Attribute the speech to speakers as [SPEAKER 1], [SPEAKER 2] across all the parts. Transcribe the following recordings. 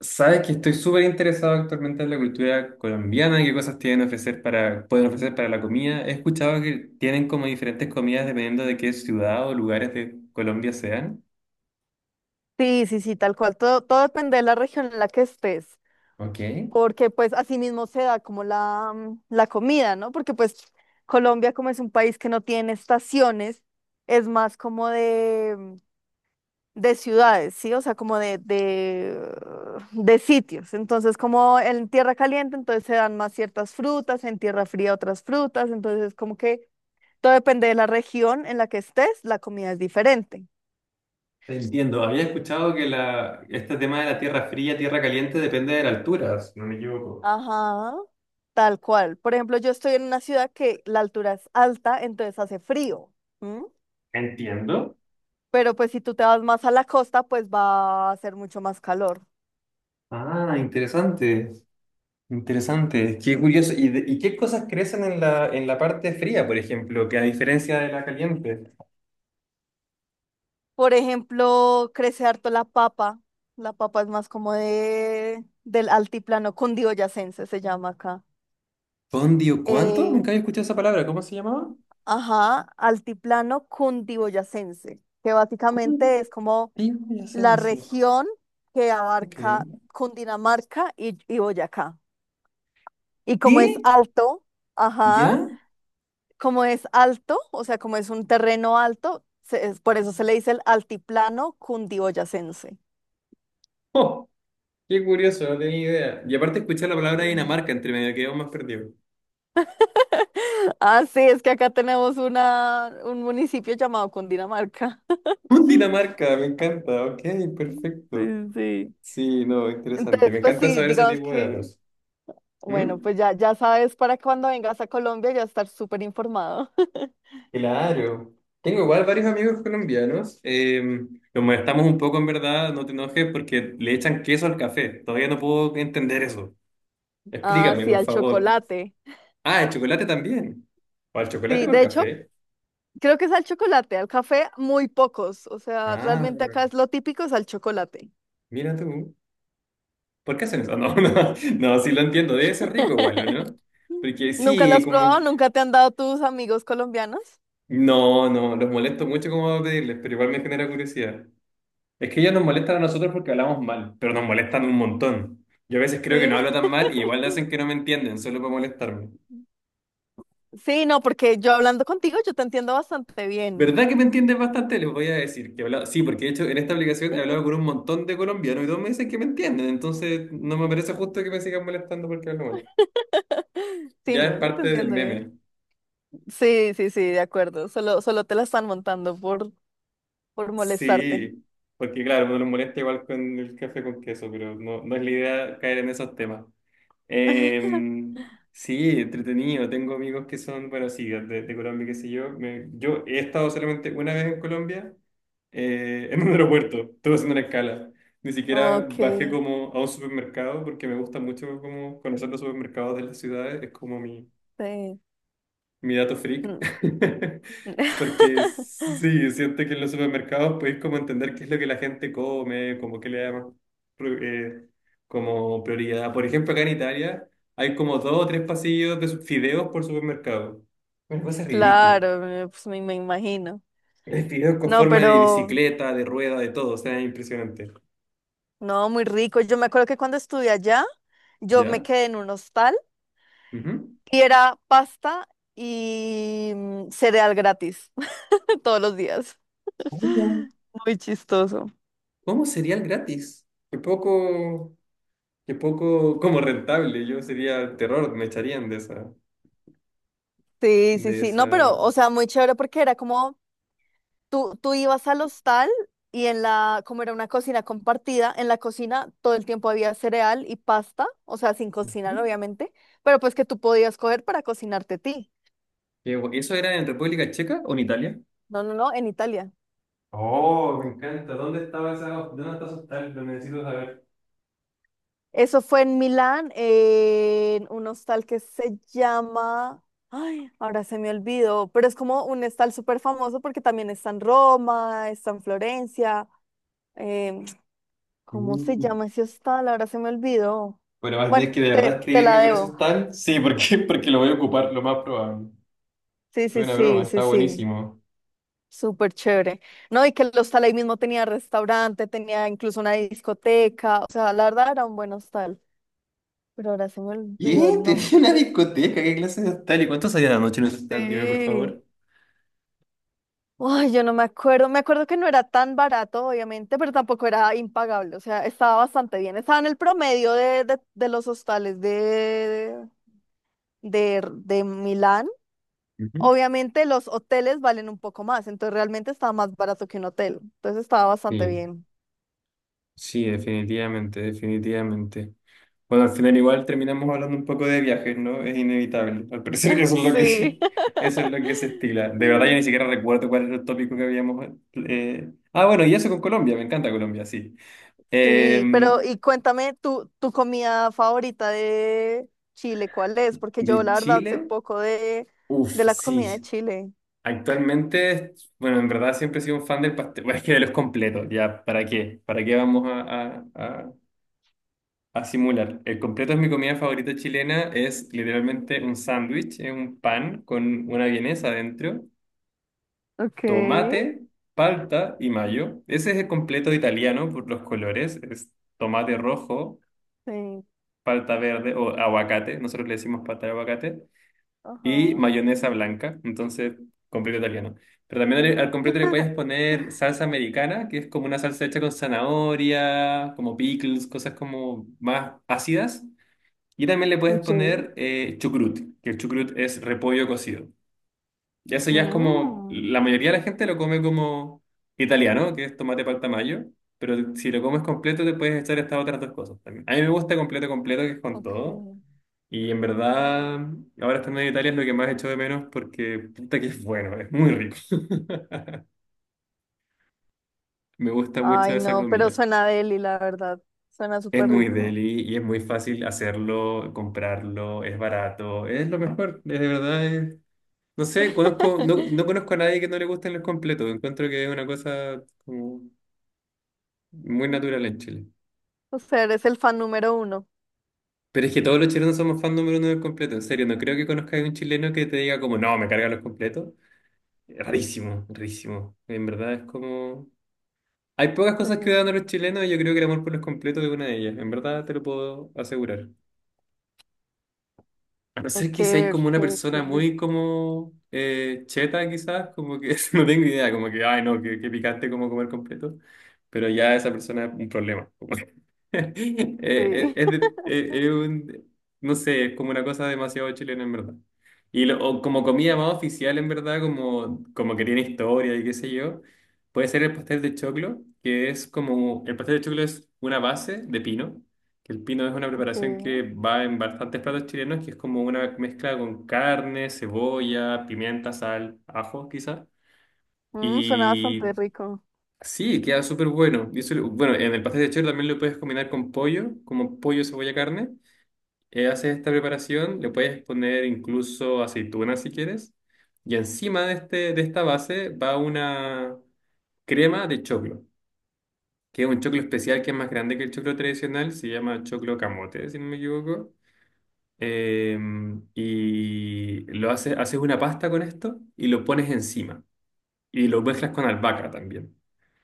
[SPEAKER 1] Sabes que estoy súper interesado actualmente en la cultura colombiana, qué cosas tienen ofrecer para, pueden ofrecer para la comida. He escuchado que tienen como diferentes comidas dependiendo de qué ciudad o lugares de Colombia sean.
[SPEAKER 2] Sí, sí, sí, tal cual. Todo depende de la región en la que estés,
[SPEAKER 1] Ok.
[SPEAKER 2] porque pues así mismo se da como la comida, ¿no? Porque pues Colombia como es un país que no tiene estaciones, es más como de ciudades, ¿sí? O sea, como de sitios. Entonces, como en tierra caliente, entonces se dan más ciertas frutas, en tierra fría otras frutas, entonces como que todo depende de la región en la que estés, la comida es diferente.
[SPEAKER 1] Te entiendo. Había escuchado que este tema de la tierra fría, tierra caliente depende de la altura, si no me equivoco.
[SPEAKER 2] Ajá, tal cual. Por ejemplo, yo estoy en una ciudad que la altura es alta, entonces hace frío. ¿M?
[SPEAKER 1] Entiendo.
[SPEAKER 2] Pero pues si tú te vas más a la costa, pues va a hacer mucho más calor.
[SPEAKER 1] Ah, interesante. Interesante. Qué curioso. ¿Y, y qué cosas crecen en en la parte fría, por ejemplo, que a diferencia de la caliente?
[SPEAKER 2] Por ejemplo, crece harto la papa. La papa es más como de del altiplano cundiboyacense, se llama acá.
[SPEAKER 1] Condio, ¿cuánto?
[SPEAKER 2] Eh,
[SPEAKER 1] Nunca había escuchado esa palabra. ¿Cómo se llamaba?
[SPEAKER 2] ajá, altiplano cundiboyacense, que básicamente es como la
[SPEAKER 1] Cundiboyacense.
[SPEAKER 2] región que
[SPEAKER 1] Ok.
[SPEAKER 2] abarca Cundinamarca y Boyacá. Y como es
[SPEAKER 1] ¿Qué?
[SPEAKER 2] alto, ajá,
[SPEAKER 1] ¿Ya?
[SPEAKER 2] como es alto, o sea, como es un terreno alto, por eso se le dice el altiplano cundiboyacense.
[SPEAKER 1] Oh, qué curioso, no tenía idea. Y aparte escuché la palabra
[SPEAKER 2] Sí.
[SPEAKER 1] Dinamarca entre medio, quedó más perdido.
[SPEAKER 2] Ah, sí, es que acá tenemos un municipio llamado Cundinamarca.
[SPEAKER 1] Dinamarca, me encanta. Ok,
[SPEAKER 2] Sí,
[SPEAKER 1] perfecto.
[SPEAKER 2] sí.
[SPEAKER 1] Sí, no, interesante.
[SPEAKER 2] Entonces,
[SPEAKER 1] Me
[SPEAKER 2] pues
[SPEAKER 1] encanta
[SPEAKER 2] sí,
[SPEAKER 1] saber ese
[SPEAKER 2] digamos
[SPEAKER 1] tipo de
[SPEAKER 2] que,
[SPEAKER 1] datos.
[SPEAKER 2] bueno,
[SPEAKER 1] ¿Mm?
[SPEAKER 2] pues ya sabes para cuando vengas a Colombia ya estar súper informado.
[SPEAKER 1] Claro. Tengo igual varios amigos colombianos. Los molestamos un poco, en verdad, no te enojes, porque le echan queso al café. Todavía no puedo entender eso.
[SPEAKER 2] Ah,
[SPEAKER 1] Explícame,
[SPEAKER 2] sí,
[SPEAKER 1] por
[SPEAKER 2] al
[SPEAKER 1] favor.
[SPEAKER 2] chocolate.
[SPEAKER 1] Ah, el chocolate también. ¿Para el chocolate o
[SPEAKER 2] Sí,
[SPEAKER 1] para
[SPEAKER 2] de
[SPEAKER 1] el
[SPEAKER 2] hecho,
[SPEAKER 1] café?
[SPEAKER 2] creo que es al chocolate, al café muy pocos. O sea,
[SPEAKER 1] Ah,
[SPEAKER 2] realmente acá es lo típico, es al chocolate.
[SPEAKER 1] mira tú. ¿Por qué hacen eso? No, no, no, sí lo entiendo. Debe ser rico igual, ¿o no? Porque
[SPEAKER 2] ¿Nunca lo
[SPEAKER 1] sí,
[SPEAKER 2] has
[SPEAKER 1] como...
[SPEAKER 2] probado? ¿Nunca te han dado tus amigos colombianos?
[SPEAKER 1] No, no, los molesto mucho como a pedirles, pero igual me genera curiosidad. Es que ellos nos molestan a nosotros porque hablamos mal, pero nos molestan un montón. Yo a veces creo que
[SPEAKER 2] Sí.
[SPEAKER 1] no hablo tan mal y igual hacen que no me entienden, solo para molestarme.
[SPEAKER 2] Sí, no, porque yo hablando contigo, yo te entiendo bastante bien.
[SPEAKER 1] ¿Verdad que me entiendes bastante? Les voy a decir que he hablado. Sí, porque de hecho en esta aplicación he hablado con un montón de colombianos y todos me dicen que me entienden. Entonces no me parece justo que me sigan molestando porque hablo mal.
[SPEAKER 2] Sí,
[SPEAKER 1] Ya
[SPEAKER 2] no,
[SPEAKER 1] es
[SPEAKER 2] yo te
[SPEAKER 1] parte del
[SPEAKER 2] entiendo bien.
[SPEAKER 1] meme.
[SPEAKER 2] Sí, sí, sí, de acuerdo. Solo te la están montando por molestarte.
[SPEAKER 1] Sí, porque claro, uno los molesta igual con el café con queso, pero no, no es la idea caer en esos temas. Eh, sí, entretenido. Tengo amigos que son, bueno, sí, de Colombia, qué sé yo. Yo he estado solamente una vez en Colombia, en un aeropuerto. Estuve haciendo una escala. Ni siquiera
[SPEAKER 2] Ok,
[SPEAKER 1] bajé como a un supermercado porque me gusta mucho como conocer los supermercados de las ciudades. Es como
[SPEAKER 2] sí.
[SPEAKER 1] mi dato freak.
[SPEAKER 2] Mm.
[SPEAKER 1] Porque sí, siento que en los supermercados podéis como entender qué es lo que la gente come, como qué le da más pro- eh, como prioridad. Por ejemplo, acá en Italia hay como dos o tres pasillos de fideos por supermercado. Una cosa ridícula.
[SPEAKER 2] Claro, pues me imagino.
[SPEAKER 1] Hay fideos con
[SPEAKER 2] No,
[SPEAKER 1] forma de
[SPEAKER 2] pero
[SPEAKER 1] bicicleta, de rueda, de todo, o sea, es impresionante.
[SPEAKER 2] no, muy rico. Yo me acuerdo que cuando estudié allá, yo me
[SPEAKER 1] ¿Ya?
[SPEAKER 2] quedé en un hostal
[SPEAKER 1] Ujú.
[SPEAKER 2] y era pasta y cereal gratis todos los días.
[SPEAKER 1] ¿Cómo?
[SPEAKER 2] Muy chistoso.
[SPEAKER 1] ¿Cómo cereal gratis? Qué poco como rentable. Yo sería terror, me echarían de esa.
[SPEAKER 2] Sí, sí,
[SPEAKER 1] De
[SPEAKER 2] sí. No,
[SPEAKER 1] esa...
[SPEAKER 2] pero, o sea, muy chévere porque era como tú ibas al hostal y en la, como era una cocina compartida, en la cocina todo el tiempo había cereal y pasta, o sea, sin
[SPEAKER 1] Ujú.
[SPEAKER 2] cocinar, obviamente, pero pues que tú podías coger para cocinarte a ti.
[SPEAKER 1] ¿Eso era en República Checa o en Italia?
[SPEAKER 2] No, no, no, en Italia.
[SPEAKER 1] Oh, me encanta. ¿Dónde estaba esa, dónde está esos tal? Lo necesito saber.
[SPEAKER 2] Eso fue en Milán, en un hostal que se llama... Ay, ahora se me olvidó, pero es como un hostal súper famoso porque también está en Roma, está en Florencia. em, ¿Cómo se
[SPEAKER 1] Mm.
[SPEAKER 2] llama ese hostal? Ahora se me olvidó.
[SPEAKER 1] Bueno, vas a
[SPEAKER 2] Bueno,
[SPEAKER 1] tener que de verdad
[SPEAKER 2] te la
[SPEAKER 1] escribirme con
[SPEAKER 2] debo.
[SPEAKER 1] esos tal. Sí, porque porque lo voy a ocupar, lo más probable.
[SPEAKER 2] Sí,
[SPEAKER 1] Fue
[SPEAKER 2] sí,
[SPEAKER 1] una broma,
[SPEAKER 2] sí,
[SPEAKER 1] está
[SPEAKER 2] sí, sí.
[SPEAKER 1] buenísimo.
[SPEAKER 2] Súper chévere. No, y que el hostal ahí mismo tenía restaurante, tenía incluso una discoteca. O sea, la verdad era un buen hostal, pero ahora se me olvidó
[SPEAKER 1] ¿Y?
[SPEAKER 2] el
[SPEAKER 1] ¿Tenía
[SPEAKER 2] nombre.
[SPEAKER 1] una discoteca? ¿Qué clase de hostal? ¿Y cuánto salía la noche en ese hostal? Dime, por
[SPEAKER 2] Sí.
[SPEAKER 1] favor.
[SPEAKER 2] Ay, yo no me acuerdo. Me acuerdo que no era tan barato, obviamente, pero tampoco era impagable. O sea, estaba bastante bien. Estaba en el promedio de los hostales de Milán.
[SPEAKER 1] Ujú.
[SPEAKER 2] Obviamente, los hoteles valen un poco más, entonces realmente estaba más barato que un hotel. Entonces estaba bastante
[SPEAKER 1] Sí.
[SPEAKER 2] bien.
[SPEAKER 1] Sí, definitivamente, definitivamente. Bueno, al final igual terminamos hablando un poco de viajes, ¿no? Es inevitable. Al parecer eso es lo
[SPEAKER 2] Sí.
[SPEAKER 1] que, eso es lo que se estila. De verdad yo ni siquiera recuerdo cuál era el tópico que habíamos... Ah, bueno, y eso con Colombia, me encanta Colombia, sí. Eh,
[SPEAKER 2] Sí, pero y cuéntame tu comida favorita de Chile, ¿cuál es? Porque yo
[SPEAKER 1] de
[SPEAKER 2] la verdad sé
[SPEAKER 1] Chile,
[SPEAKER 2] poco
[SPEAKER 1] uff,
[SPEAKER 2] de la comida de
[SPEAKER 1] sí.
[SPEAKER 2] Chile.
[SPEAKER 1] Actualmente, bueno, en verdad siempre he sido un fan del pastel, bueno, es que de los completos, ya, ¿para qué? ¿Para qué vamos a simular? El completo es mi comida favorita chilena. Es literalmente un sándwich, es un pan con una vienesa adentro,
[SPEAKER 2] Ok.
[SPEAKER 1] tomate, palta y mayo. Ese es el completo italiano por los colores. Es tomate rojo,
[SPEAKER 2] Sí.
[SPEAKER 1] palta verde o aguacate. Nosotros le decimos palta de aguacate. Y
[SPEAKER 2] Ajá.
[SPEAKER 1] mayonesa blanca. Entonces, completo italiano. Pero también al completo le puedes poner salsa americana, que es como una salsa hecha con zanahoria, como pickles, cosas como más ácidas. Y también le puedes
[SPEAKER 2] Sí.
[SPEAKER 1] poner chucrut, que el chucrut es repollo cocido. Y eso ya es como,
[SPEAKER 2] Mm,
[SPEAKER 1] la mayoría de la gente lo come como italiano, que es tomate palta mayo, pero si lo comes completo te puedes echar estas otras dos cosas también. A mí me gusta completo, completo, que es con todo.
[SPEAKER 2] ok.
[SPEAKER 1] Y en verdad, ahora estando en Italia es lo que más echo de menos porque puta que es bueno, es muy rico. Me gusta mucho
[SPEAKER 2] Ay,
[SPEAKER 1] esa
[SPEAKER 2] no, pero
[SPEAKER 1] comida.
[SPEAKER 2] suena deli, la verdad. Suena
[SPEAKER 1] Es
[SPEAKER 2] súper
[SPEAKER 1] muy
[SPEAKER 2] rico.
[SPEAKER 1] deli y es muy fácil hacerlo, comprarlo, es barato, es lo mejor, es de verdad es... No sé, conozco, no, no conozco a nadie que no le gusten los completos. Encuentro que es una cosa como muy natural en Chile.
[SPEAKER 2] O sea, eres el fan número uno.
[SPEAKER 1] Pero es que todos los chilenos somos fan número uno del completo. En serio, no creo que conozca a un chileno que te diga como, no, me cargan los completos. Rarísimo, rarísimo. En verdad es como... Hay pocas cosas que
[SPEAKER 2] Sí.
[SPEAKER 1] dan a los chilenos y yo creo que el amor por los completos es una de ellas. En verdad te lo puedo asegurar. A no ser
[SPEAKER 2] Ok,
[SPEAKER 1] que seáis como
[SPEAKER 2] ok,
[SPEAKER 1] una
[SPEAKER 2] qué
[SPEAKER 1] persona
[SPEAKER 2] rico.
[SPEAKER 1] muy como cheta quizás, como que no tengo idea, como que, ay no, qué, qué picante como comer completo, pero ya esa persona es un problema.
[SPEAKER 2] Sí.
[SPEAKER 1] Es, es un, no sé, es como una cosa demasiado chilena en verdad. Y o como comida más oficial en verdad, como, como que tiene historia y qué sé yo, puede ser el pastel de choclo, que es como, el pastel de choclo es una base de pino, que el pino es una
[SPEAKER 2] Ok.
[SPEAKER 1] preparación que va en bastantes platos chilenos, que es como una mezcla con carne, cebolla, pimienta, sal, ajo quizá.
[SPEAKER 2] Mm, suena bastante rico.
[SPEAKER 1] Sí, queda súper bueno. Y eso bueno, en el pastel de choclo también lo puedes combinar con pollo, como pollo, cebolla, carne. Haces esta preparación, le puedes poner incluso aceitunas si quieres. Y encima de, este, de esta base va una crema de choclo, que es un choclo especial que es más grande que el choclo tradicional, se llama choclo camote, si no me equivoco. Eh, y lo haces, haces una pasta con esto y lo pones encima. Y lo mezclas con albahaca también.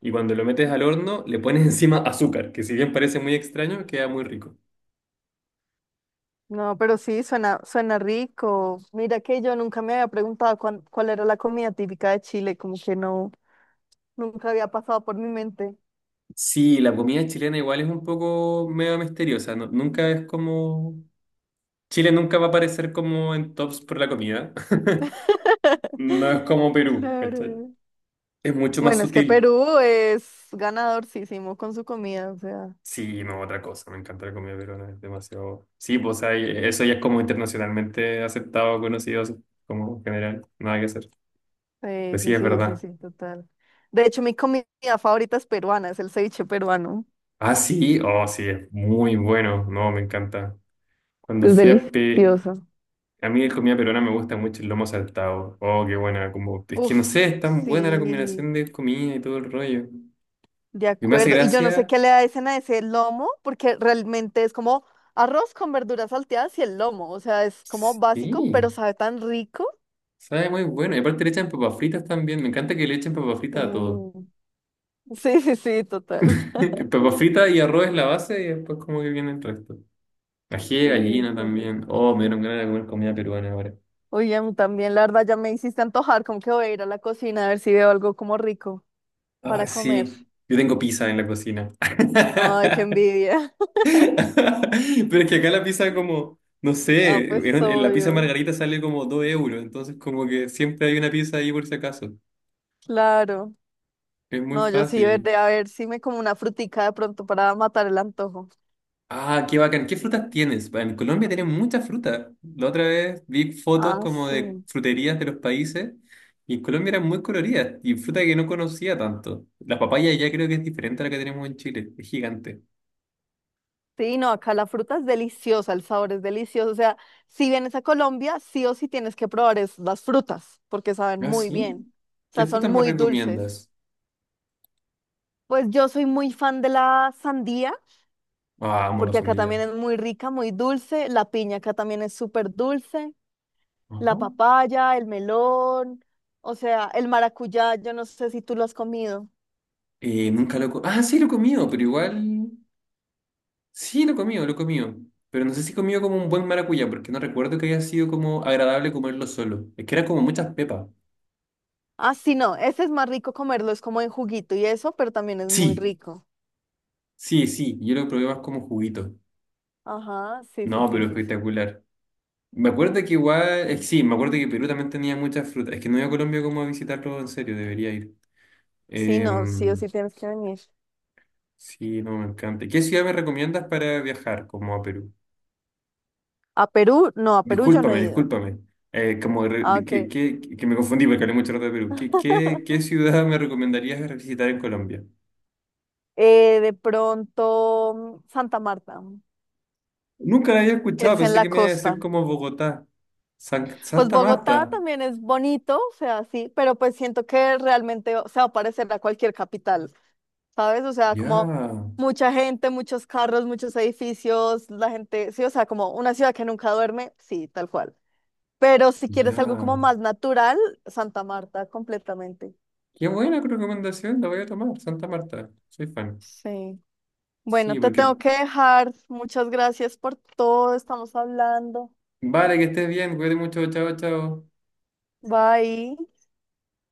[SPEAKER 1] Y cuando lo metes al horno, le pones encima azúcar, que si bien parece muy extraño, queda muy rico.
[SPEAKER 2] No, pero sí, suena, suena rico. Mira que yo nunca me había preguntado cuál era la comida típica de Chile, como que no, nunca había pasado por mi mente.
[SPEAKER 1] Sí, la comida chilena igual es un poco medio misteriosa, nunca es como... Chile nunca va a aparecer como en tops por la comida. No es como Perú, ¿cachai?
[SPEAKER 2] Claro.
[SPEAKER 1] Es mucho más
[SPEAKER 2] Bueno, es que
[SPEAKER 1] sutil.
[SPEAKER 2] Perú es ganadorcísimo con su comida, o sea,
[SPEAKER 1] Sí, no, otra cosa, me encanta la comida peruana, es demasiado... Sí, pues o sea, eso ya es como internacionalmente aceptado, conocido, así como general, nada que hacer.
[SPEAKER 2] sí,
[SPEAKER 1] Pero sí,
[SPEAKER 2] sí,
[SPEAKER 1] es
[SPEAKER 2] sí, sí,
[SPEAKER 1] verdad.
[SPEAKER 2] sí, total. De hecho, mi comida favorita es peruana, es el ceviche peruano.
[SPEAKER 1] Ah, sí, oh, sí, es muy bueno, no, me encanta. Cuando
[SPEAKER 2] Es
[SPEAKER 1] fui a Pe-
[SPEAKER 2] delicioso.
[SPEAKER 1] A mí de comida peruana me gusta mucho el lomo saltado. Oh, qué buena. Como... Es que
[SPEAKER 2] Uf,
[SPEAKER 1] no sé, es tan
[SPEAKER 2] sí,
[SPEAKER 1] buena la combinación de comida y todo el rollo.
[SPEAKER 2] de
[SPEAKER 1] Y me hace
[SPEAKER 2] acuerdo. Y yo no sé
[SPEAKER 1] gracia.
[SPEAKER 2] qué le hacen a ese lomo, porque realmente es como arroz con verduras salteadas y el lomo, o sea, es como básico, pero
[SPEAKER 1] Sí,
[SPEAKER 2] sabe tan rico.
[SPEAKER 1] sabe muy bueno. Y aparte le echan papas fritas también. Me encanta que le echen papas fritas a todo.
[SPEAKER 2] Sí, sí, sí, sí, total.
[SPEAKER 1] Papas fritas y arroz es la base y después como que viene el resto. Ají de
[SPEAKER 2] Sí,
[SPEAKER 1] gallina
[SPEAKER 2] qué rico.
[SPEAKER 1] también. Oh, me dieron ganas de comer comida peruana ahora.
[SPEAKER 2] Oye, a mí también, la verdad, ya me hiciste antojar, como que voy a ir a la cocina a ver si veo algo como rico
[SPEAKER 1] Ah,
[SPEAKER 2] para comer.
[SPEAKER 1] sí. Yo tengo pizza en la cocina.
[SPEAKER 2] Ay, qué envidia.
[SPEAKER 1] Pero es que acá la pizza como, no
[SPEAKER 2] Ah,
[SPEAKER 1] sé, en
[SPEAKER 2] pues
[SPEAKER 1] la pizza
[SPEAKER 2] obvio,
[SPEAKER 1] margarita sale como 2 euros, entonces como que siempre hay una pizza ahí por si acaso.
[SPEAKER 2] claro.
[SPEAKER 1] Es muy
[SPEAKER 2] No, yo sí veré
[SPEAKER 1] fácil.
[SPEAKER 2] a ver si me como una frutica de pronto para matar el antojo.
[SPEAKER 1] Ah, qué bacán. ¿Qué frutas tienes? En Colombia tienen muchas frutas. La otra vez vi fotos
[SPEAKER 2] Ah,
[SPEAKER 1] como de
[SPEAKER 2] sí.
[SPEAKER 1] fruterías de los países y en Colombia eran muy coloridas y fruta que no conocía tanto. La papaya ya creo que es diferente a la que tenemos en Chile. Es gigante.
[SPEAKER 2] Sí, no, acá la fruta es deliciosa, el sabor es delicioso. O sea, si vienes a Colombia, sí o sí tienes que probar es, las frutas, porque saben
[SPEAKER 1] Ah,
[SPEAKER 2] muy bien.
[SPEAKER 1] sí.
[SPEAKER 2] O
[SPEAKER 1] ¿Qué
[SPEAKER 2] sea,
[SPEAKER 1] frutas
[SPEAKER 2] son
[SPEAKER 1] me
[SPEAKER 2] muy dulces.
[SPEAKER 1] recomiendas?
[SPEAKER 2] Pues yo soy muy fan de la sandía.
[SPEAKER 1] Ah, amo la
[SPEAKER 2] Porque acá también
[SPEAKER 1] sandía.
[SPEAKER 2] es muy rica, muy dulce. La piña acá también es súper dulce. La
[SPEAKER 1] Ajá.
[SPEAKER 2] papaya, el melón, o sea, el maracuyá, yo no sé si tú lo has comido.
[SPEAKER 1] Nunca lo he co- Ah, sí, lo he comido, pero igual. Sí, lo he comido, lo he comido. Pero no sé si he comido como un buen maracuyá, porque no recuerdo que haya sido como agradable comerlo solo. Es que era como muchas pepas.
[SPEAKER 2] Ah, sí, no, ese es más rico comerlo, es como en juguito y eso, pero también es muy
[SPEAKER 1] Sí,
[SPEAKER 2] rico.
[SPEAKER 1] sí, sí. Yo lo probé más como juguito.
[SPEAKER 2] Ajá, sí, sí,
[SPEAKER 1] No,
[SPEAKER 2] sí,
[SPEAKER 1] pero
[SPEAKER 2] sí, sí.
[SPEAKER 1] espectacular. Me acuerdo que igual.
[SPEAKER 2] Ujú.
[SPEAKER 1] Sí, me acuerdo que Perú también tenía muchas frutas. Es que no he ido a Colombia como a visitarlo en serio, debería ir.
[SPEAKER 2] Sí, no, sí o
[SPEAKER 1] Em,
[SPEAKER 2] sí tienes que venir.
[SPEAKER 1] sí, no, me encanta. ¿Qué ciudad me recomiendas para viajar como a Perú?
[SPEAKER 2] A Perú, no, a Perú yo no he
[SPEAKER 1] Discúlpame,
[SPEAKER 2] ido.
[SPEAKER 1] discúlpame. Como re-
[SPEAKER 2] Ah,
[SPEAKER 1] de que,
[SPEAKER 2] ok.
[SPEAKER 1] que me confundí porque hablé mucho rato de Perú. ¿Qué ciudad me recomendarías visitar en Colombia?
[SPEAKER 2] De pronto, mm, Santa Marta,
[SPEAKER 1] Nunca la había
[SPEAKER 2] que
[SPEAKER 1] escuchado,
[SPEAKER 2] es en
[SPEAKER 1] pensé
[SPEAKER 2] la
[SPEAKER 1] que me iba a decir
[SPEAKER 2] costa.
[SPEAKER 1] como Bogotá.
[SPEAKER 2] Pues
[SPEAKER 1] Santa
[SPEAKER 2] Bogotá
[SPEAKER 1] Marta.
[SPEAKER 2] también es bonito, o sea, sí, pero pues siento que realmente, o sea, va a parecer a cualquier capital, ¿sabes? O sea,
[SPEAKER 1] Ya,
[SPEAKER 2] como mucha gente, muchos carros, muchos edificios, la gente, sí, o sea, como una ciudad que nunca duerme, sí, tal cual. Pero si quieres algo como
[SPEAKER 1] ya.
[SPEAKER 2] más natural, Santa Marta, completamente.
[SPEAKER 1] Qué buena recomendación, la voy a tomar. Santa Marta, soy fan.
[SPEAKER 2] Sí. Bueno,
[SPEAKER 1] Sí,
[SPEAKER 2] te
[SPEAKER 1] porque
[SPEAKER 2] tengo que dejar. Muchas gracias por todo, estamos hablando.
[SPEAKER 1] vale, que estés bien, cuídate mucho, chao, chao.
[SPEAKER 2] Bye.